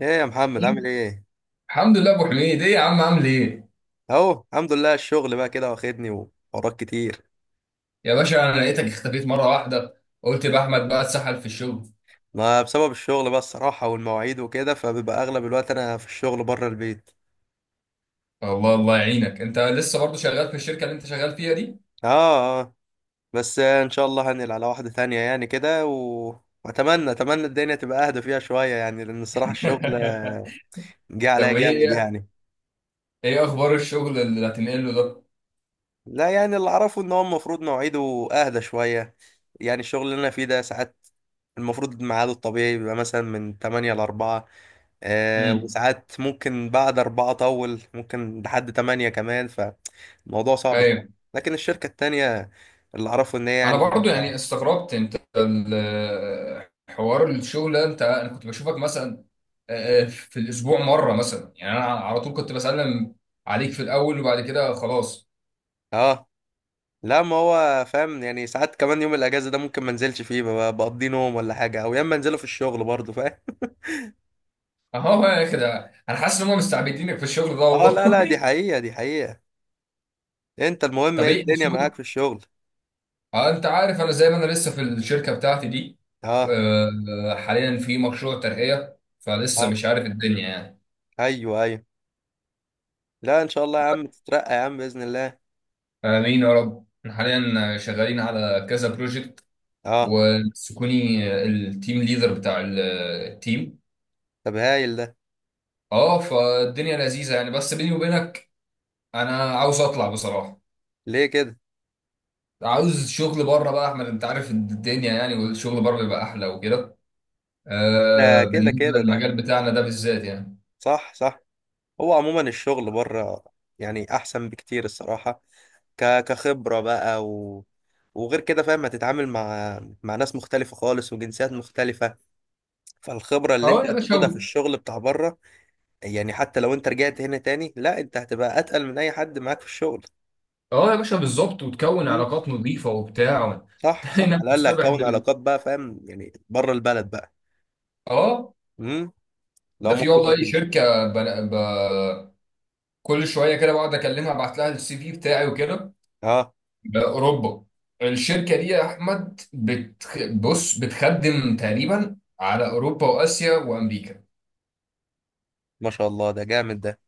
ايه يا محمد، عامل ايه؟ الحمد لله، ابو حميد. ايه يا عم، عامل ايه؟ اهو الحمد لله، الشغل بقى كده واخدني وحوارات كتير. يا باشا، انا لقيتك اختفيت مره واحده، قلت يبقى احمد بقى اتسحل في الشغل. ما بسبب الشغل بقى الصراحة والمواعيد وكده، فبيبقى اغلب الوقت انا في الشغل بره البيت. الله الله يعينك. انت لسه برضه شغال في الشركه اللي انت شغال فيها دي؟ اه، اه. بس ان شاء الله هنقل على واحدة تانية يعني كده واتمنى الدنيا تبقى اهدى فيها شوية، يعني لان الصراحة الشغل جه عليا طب ايه جامد ايه يعني. إيه اخبار الشغل اللي هتنقله ده؟ لا يعني اللي اعرفه ان هو المفروض مواعيده اهدى شوية. يعني الشغل اللي انا فيه ده ساعات المفروض ميعاده الطبيعي بيبقى مثلا من 8 ل 4. امم. وساعات ممكن بعد 4 أطول، ممكن لحد 8 كمان، فالموضوع صعب شوية. ايوه. لكن الشركة التانية اللي أعرفه إن هي انا يعني. برضه يعني استغربت انت حوار الشغل ده، انا كنت بشوفك مثلا، في الاسبوع مره مثلا يعني. انا على طول كنت بسلم عليك في الاول وبعد كده خلاص. آه، لا، ما هو فاهم، يعني ساعات كمان يوم الأجازة ده ممكن ما انزلش فيه، بقضي نوم ولا حاجة، أو يا إما انزله في الشغل برضه فاهم. اهو بقى كده، انا حاسس ان هم مستعبدينك في الشغل ده آه، لا، لا، دي والله. حقيقة دي حقيقة. أنت، المهم طب إيه ايه الدنيا الشغل؟ معاك في الشغل؟ اه، انت عارف، انا زي ما انا لسه في الشركه بتاعتي دي. آه، حاليا في مشروع ترقيه فلسه، آه. مش عارف الدنيا يعني. أيوه، أيوه. لا، إن شاء الله يا عم تترقى يا عم بإذن الله. امين يا رب. احنا حاليا شغالين على كذا بروجكت، آه. وسكوني التيم ليدر بتاع التيم. طب هايل ده. اه، فالدنيا لذيذه يعني، بس بيني وبينك انا عاوز اطلع بصراحه. ليه كده؟ عاوز شغل بره بقى احمد، انت عارف الدنيا يعني، والشغل بره بيبقى احلى وكده. ده كده بالنسبه كده ده. للمجال بتاعنا ده بالذات يعني. صح، صح. هو عموما الشغل بره يعني احسن بكتير الصراحه، كخبره بقى، وغير كده فاهم، هتتعامل مع ناس مختلفه خالص وجنسيات مختلفه. فالخبره اللي اه انت يا باشا، هتاخدها في الشغل بتاع بره، يعني حتى لو انت رجعت هنا تاني، لا انت هتبقى اتقل من اي حد معاك في الشغل. اه يا باشا بالظبط، وتكون امم. علاقات نظيفه وبتاع صح، صح، هنا على الاقل بتصطبح هتكون علاقات بقى فاهم، يعني بره البلد بقى. اه، امم. لو ده في والله ممكن. شركه كل شويه كده بقعد اكلمها، ابعت لها السي في بتاعي وكده، اه، باوروبا. الشركه دي يا احمد بص بتخدم تقريبا على اوروبا واسيا وامريكا. ما شاء الله ده جامد ده.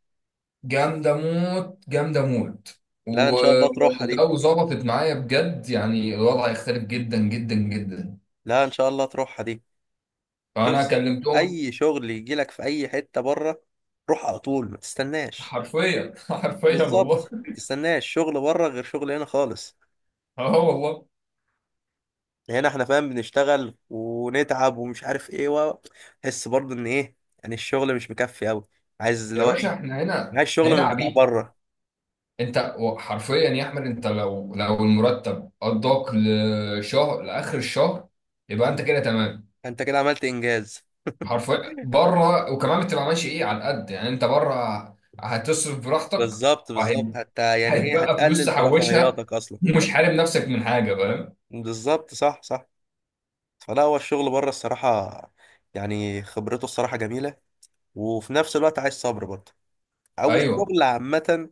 جامدة موت جامدة موت. لا ان شاء الله تروحها دي. ولو ظبطت معايا بجد، يعني الوضع هيختلف جدا جدا جدا. لا ان شاء الله تروحها دي. فأنا بص، كلمتهم. اي شغل يجي لك في اي حته بره، روح على طول ما تستناش. حرفيا حرفيا بالظبط، والله. ما تستناش شغل بره غير شغل هنا خالص. اه والله. هنا احنا فاهم بنشتغل ونتعب ومش عارف ايه و تحس برضه ان ايه، يعني الشغل مش مكفي قوي، عايز اللي يا هو باشا ايه، عايز احنا شغل هنا من بتاع عبيد. بره. انت حرفيا يا احمد، انت لو المرتب قضاك لشهر لاخر الشهر يبقى انت كده تمام. انت كده عملت انجاز. حرفيا، بره وكمان بتبقى ماشي ايه على قد يعني. انت بره هتصرف براحتك، بالظبط بالظبط، حتى يعني ايه، هيتبقى فلوس هتقلل في تحوشها رفاهياتك اصلا. ومش حارم نفسك من حاجه، فاهم؟ بالظبط، صح، صح. فلا هو الشغل بره الصراحه، يعني خبرته الصراحه جميله، وفي نفس الوقت عايز صبر برضه، او ايوه. الشغل عامه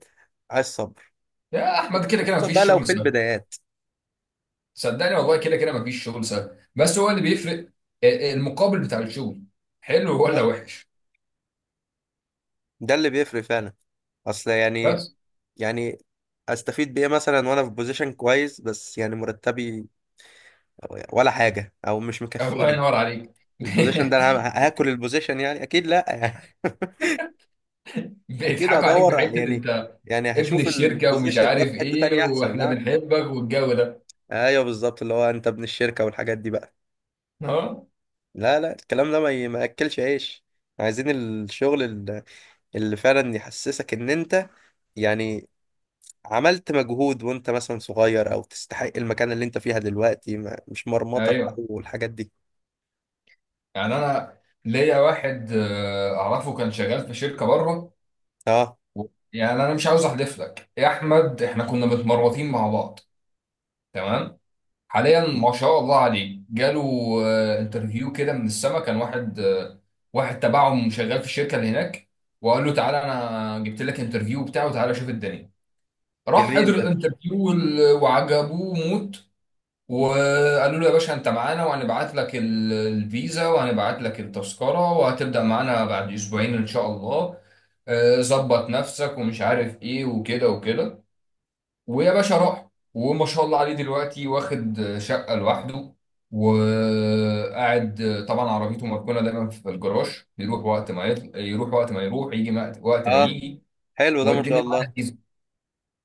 عايز صبر، يا احمد كده كده خصوصا بقى مفيش لو شغل في سهل. البدايات. صدقني والله كده كده مفيش شغل سهل، بس هو اللي بيفرق المقابل بتاع الشغل، حلو ولا لا وحش. ده اللي بيفرق فعلا، اصل يعني، بس. يعني استفيد بايه مثلا وانا في بوزيشن كويس، بس يعني مرتبي ولا حاجه او مش الله مكفيني. ينور عليك. البوزيشن ده انا هاكل البوزيشن يعني، اكيد لا يعني. اكيد بيضحكوا عليك هدور بحته يعني، انت، يعني ابن هشوف الشركه ومش البوزيشن ده في عارف حته ايه، تانية احسن، واحنا ها. بنحبك والجو ده. ايوه بالظبط، اللي هو انت ابن الشركه والحاجات دي بقى. اه. لا لا، الكلام ده ما ياكلش عيش. عايزين الشغل اللي فعلا يحسسك ان انت يعني عملت مجهود، وانت مثلا صغير، او تستحق المكان اللي انت فيها دلوقتي، ما مش مرمطة بقى ايوه والحاجات دي. يعني. انا ليا واحد اعرفه كان شغال في شركه بره. اه، يعني انا مش عاوز احلف لك يا احمد، احنا كنا متمرطين مع بعض تمام. حاليا ما شاء الله عليه، جاله انترفيو كده من السما. كان واحد واحد تبعهم شغال في الشركه اللي هناك، وقال له تعالى انا جبت لك انترفيو بتاعه، تعالى شوف الدنيا. راح جميل حضر ده. الانترفيو وعجبوه موت، وقالوا له يا باشا انت معانا، وهنبعت لك الفيزا وهنبعت لك التذكره، وهتبدا معانا بعد اسبوعين ان شاء الله. ظبط نفسك ومش عارف ايه وكده وكده. ويا باشا راح، وما شاء الله عليه دلوقتي واخد شقه لوحده، وقاعد طبعا عربيته مركونه دايما في الجراج، يروح وقت ما يروح يجي، وقت ما اه، يجي. حلو ده، ما شاء والدنيا الله. معاه.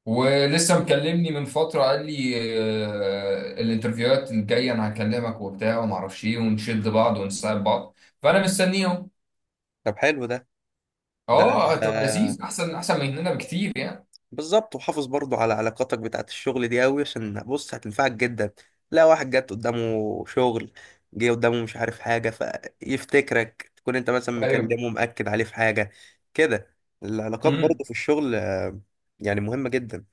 ولسه مكلمني من فترة قال لي الانترفيوهات الجاية أنا هكلمك وبتاع وما أعرفش إيه، ونشد بعض ونساعد بعض، فأنا مستنيهم. طب حلو ده. ده أه، هتبقى لذيذ، أحسن أحسن من هنا بكتير يعني. بالظبط، وحافظ برضو على علاقاتك بتاعت الشغل دي قوي، عشان بص هتنفعك جدا. لا واحد جت قدامه شغل، جه قدامه مش عارف حاجة، فيفتكرك تكون انت مثلا أيوه. مكلمه مأكد عليه في حاجة، كده. العلاقات امم. برضو في الشغل يعني مهمة جدا.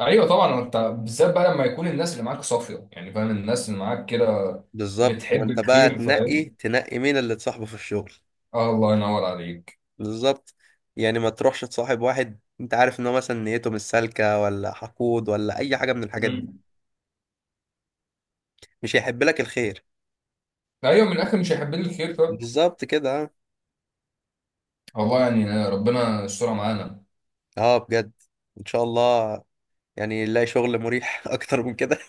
أيوه طبعا، أنت بالذات بقى لما يكون الناس اللي معاك صافية يعني، فاهم، الناس اللي معاك كده بالظبط، ما بتحب انت بقى الخير، تنقي فاهم. تنقي مين اللي تصاحبه في الشغل. آه الله ينور عليك. بالظبط، يعني ما تروحش تصاحب واحد انت عارف ان هو مثلا نيته مش سالكة، ولا حقود، ولا اي حاجة من الحاجات دي. امم. مش هيحب لك الخير. أيوه، من الآخر مش هيحب لي الخير، فاهم. بالظبط كده. والله يعني، ربنا يسترها معانا. اه بجد، ان شاء الله، يعني نلاقي شغل مريح اكتر من كده.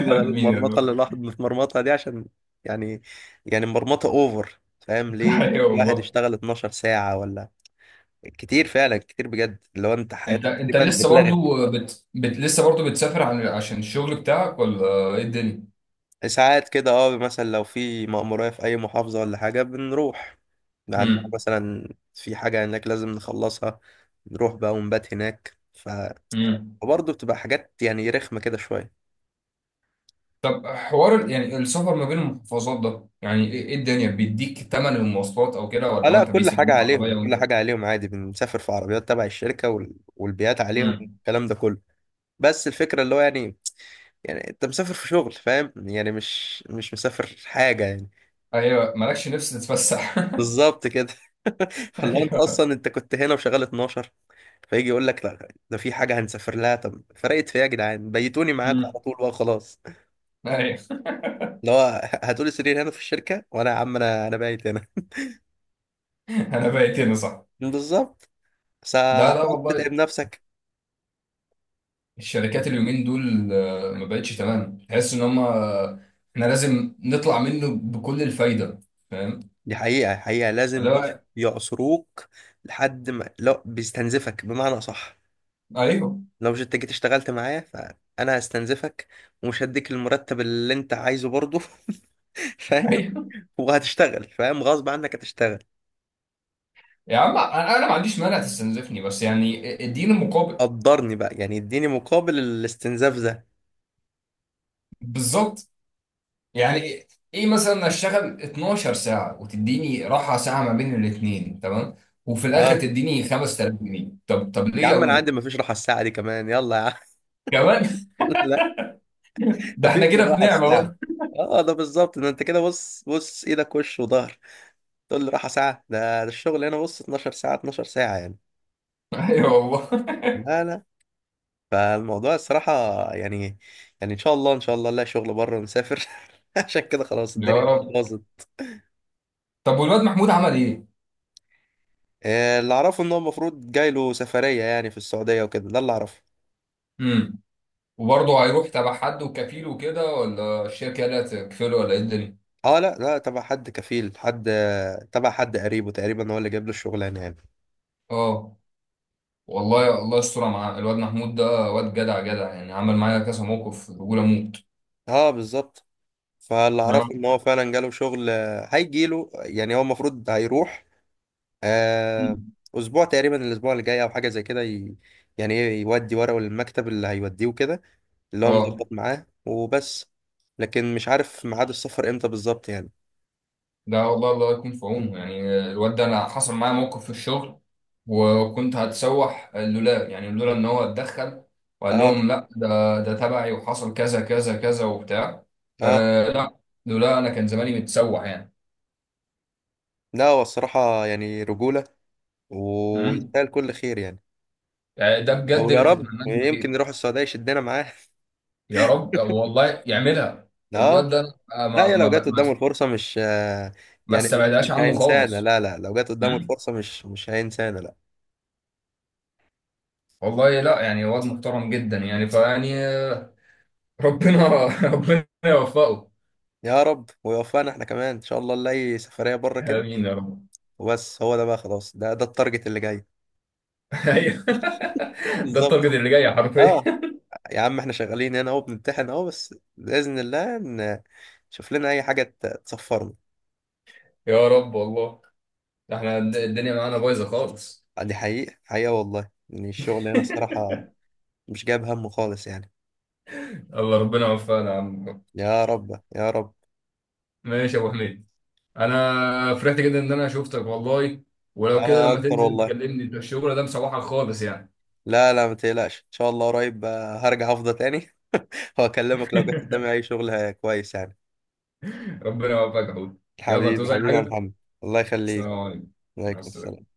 بدل مين يا المرمطه رب. اللي الواحد متمرمطها دي، عشان يعني مرمطه اوفر، فاهم ليه؟ أيوه الواحد والله. يشتغل 12 ساعه ولا كتير، فعلا كتير بجد، اللي هو انت انت حياتك انت تقريبا لسه برضو اتلغت. لسه برضو بتسافر عشان الشغل بتاعك، ولا ايه الدنيا؟ ساعات كده مثلا لو في مأمورية في اي محافظه ولا حاجه، بنروح. عندنا امم. مثلا في حاجه هناك لازم نخلصها، نروح بقى ونبات هناك، امم. فبرضه بتبقى حاجات يعني رخمه كده شويه. طب حوار يعني السفر ما بين المحافظات ده، يعني إيه الدنيا، بيديك تمن المواصلات او كده، اه، ولا هو لا انت كل حاجة بيسلموك عليهم، عربية كل وانت. حاجة عليهم عادي، بنسافر في عربيات تبع الشركة، والبيات عليهم امم. والكلام ده كله. بس الفكرة اللي هو يعني، انت مسافر في شغل فاهم، يعني مش مسافر حاجة يعني. ايوه، مالكش نفس تتفسح. بالظبط كده. فاللي هو انت ايوه. اصلا، انت كنت هنا وشغال 12، فيجي يقول لك لا ده في حاجة هنسافر لها، طب فرقت في ايه يا جدعان، بيتوني معاكم امم. على طول بقى خلاص. ايوه اللي هو هاتولي سرير هنا في الشركة، وانا يا عم انا بايت هنا. انا بقيت هنا صح. بالظبط. بس لا لا هتقعد تتعب والله. نفسك. الشركات اليومين دول ما بقتش تمام، تحس ان هم احنا لازم نطلع منه بكل الفايدة، فاهم. دي حقيقة حقيقة، لازم بص لا. يعصروك لحد ما، لا بيستنزفك بمعنى صح. ايوه لو مش انت جيت اشتغلت معايا فأنا هستنزفك، ومش هديك المرتب اللي انت عايزه برضه، فاهم؟ ايوه. وهتشتغل فاهم، غصب عنك هتشتغل. يا عم انا، ما عنديش مانع تستنزفني، بس يعني اديني مقابل. قدرني بقى، يعني اديني مقابل الاستنزاف ده. بالظبط. يعني ايه، إيه مثلا اشتغل 12 ساعه وتديني راحه ساعه ما بين الاثنين تمام، وفي الاخر اه، تديني 5000 جنيه؟ طب يا ليه يا عم انا عندي ولد؟ مفيش راحة الساعة دي كمان، يلا يا عم. كمان لا، ده احنا مفيش كده في الراحة نعمه الساعة. بقى. اه، ده بالظبط، ده انت كده بص، بص ايدك وش وظهر، تقول لي راحة ساعة ده؟ ده الشغل هنا بص 12 ساعة 12 ساعة يعني. ايوه والله. لا، لا. فالموضوع الصراحة يعني، إن شاء الله إن شاء الله نلاقي شغل بره ونسافر عشان كده خلاص، يا الدنيا رب. باظت. طب والواد محمود عمل ايه؟ اللي أعرفه إن هو المفروض جاي له سفرية، يعني في السعودية وكده، ده اللي أعرفه. امم. وبرضه هيروح تبع حد وكفيل وكده، ولا الشركه اللي هتكفله، ولا ايه الدنيا؟ أه، لا، لا، تبع حد كفيل، حد تبع حد قريبه تقريبا هو اللي جاب له الشغلانة يعني. اه والله، الله يستر مع الواد محمود ده. واد جدع جدع، يعني عمل معايا كذا موقف بقول اموت. أه بالظبط. فاللي أنا- أعرفه إن هو فعلا جاله شغل هيجيله، يعني هو المفروض هيروح آه، أسبوع تقريبا، الأسبوع اللي جاي أو حاجة زي كده، يعني إيه، يودي ورقه للمكتب اللي هيوديه وكده، اللي هو اه مظبط معاه وبس. لكن مش عارف ميعاد السفر امتى بالظبط يعني. ده والله الله يكون في عونه يعني. الواد ده انا حصل معايا موقف في الشغل، وكنت هتسوح لولا، لولا ان هو اتدخل وقال اه، لهم لا، ده ده تبعي، وحصل كذا كذا كذا وبتاع. اه. آه. لا، لولا انا كان زماني متسوح يعني. لا، هو الصراحة يعني رجولة، امم. ويستاهل كل خير يعني. يعني ده او بجد يا اللي رب تتمناه له يمكن خير. يروح السعودية يشدنا معاه. يا رب والله يعملها. اه. الواد ده أنا لا ما يا، لو ما جت ب... ما قدامه الفرصة مش ما يعني مش استبعدهاش عنه هينسانا، خالص. لا، لا، لو جت قدامه امم. الفرصة مش هينسانا لا. والله لا، يعني واد محترم جدا يعني فيعني. ربنا ربنا يوفقه. يا رب، ويوفقنا احنا كمان ان شاء الله نلاقي سفرية بره كده. امين يا رب. وبس هو ده بقى خلاص، ده التارجت اللي جاي. ايوه ده بالظبط. التارجت اللي جاي اه، حرفيا. يا عم احنا شغالين هنا اهو بنمتحن اهو، بس بإذن الله نشوف لنا أي حاجة تصفرنا. يا رب والله. احنا الدنيا معانا بايظه خالص. دي حقيقة حقيقة والله، يعني الشغل هنا الصراحة مش جايب همه خالص يعني. الله ربنا يوفقنا يا عم. يا رب، يا رب. ماشي يا ابو حميد. انا فرحت جدا ان انا شفتك والله. ولو كده أنا لما أكتر تنزل والله. تكلمني، ده الشغل ده مسوحك خالص يعني. لا لا ما تقلقش، إن شاء الله قريب هرجع أفضى تاني. وأكلمك لو جت قدامي أي شغل كويس يعني. ربنا يوفقك يا حوت. يلا حبيبي توزع حبيبي يا حاجه. محمد. الله السلام يخليك. عليكم. مع عليكم السلامه. السلام.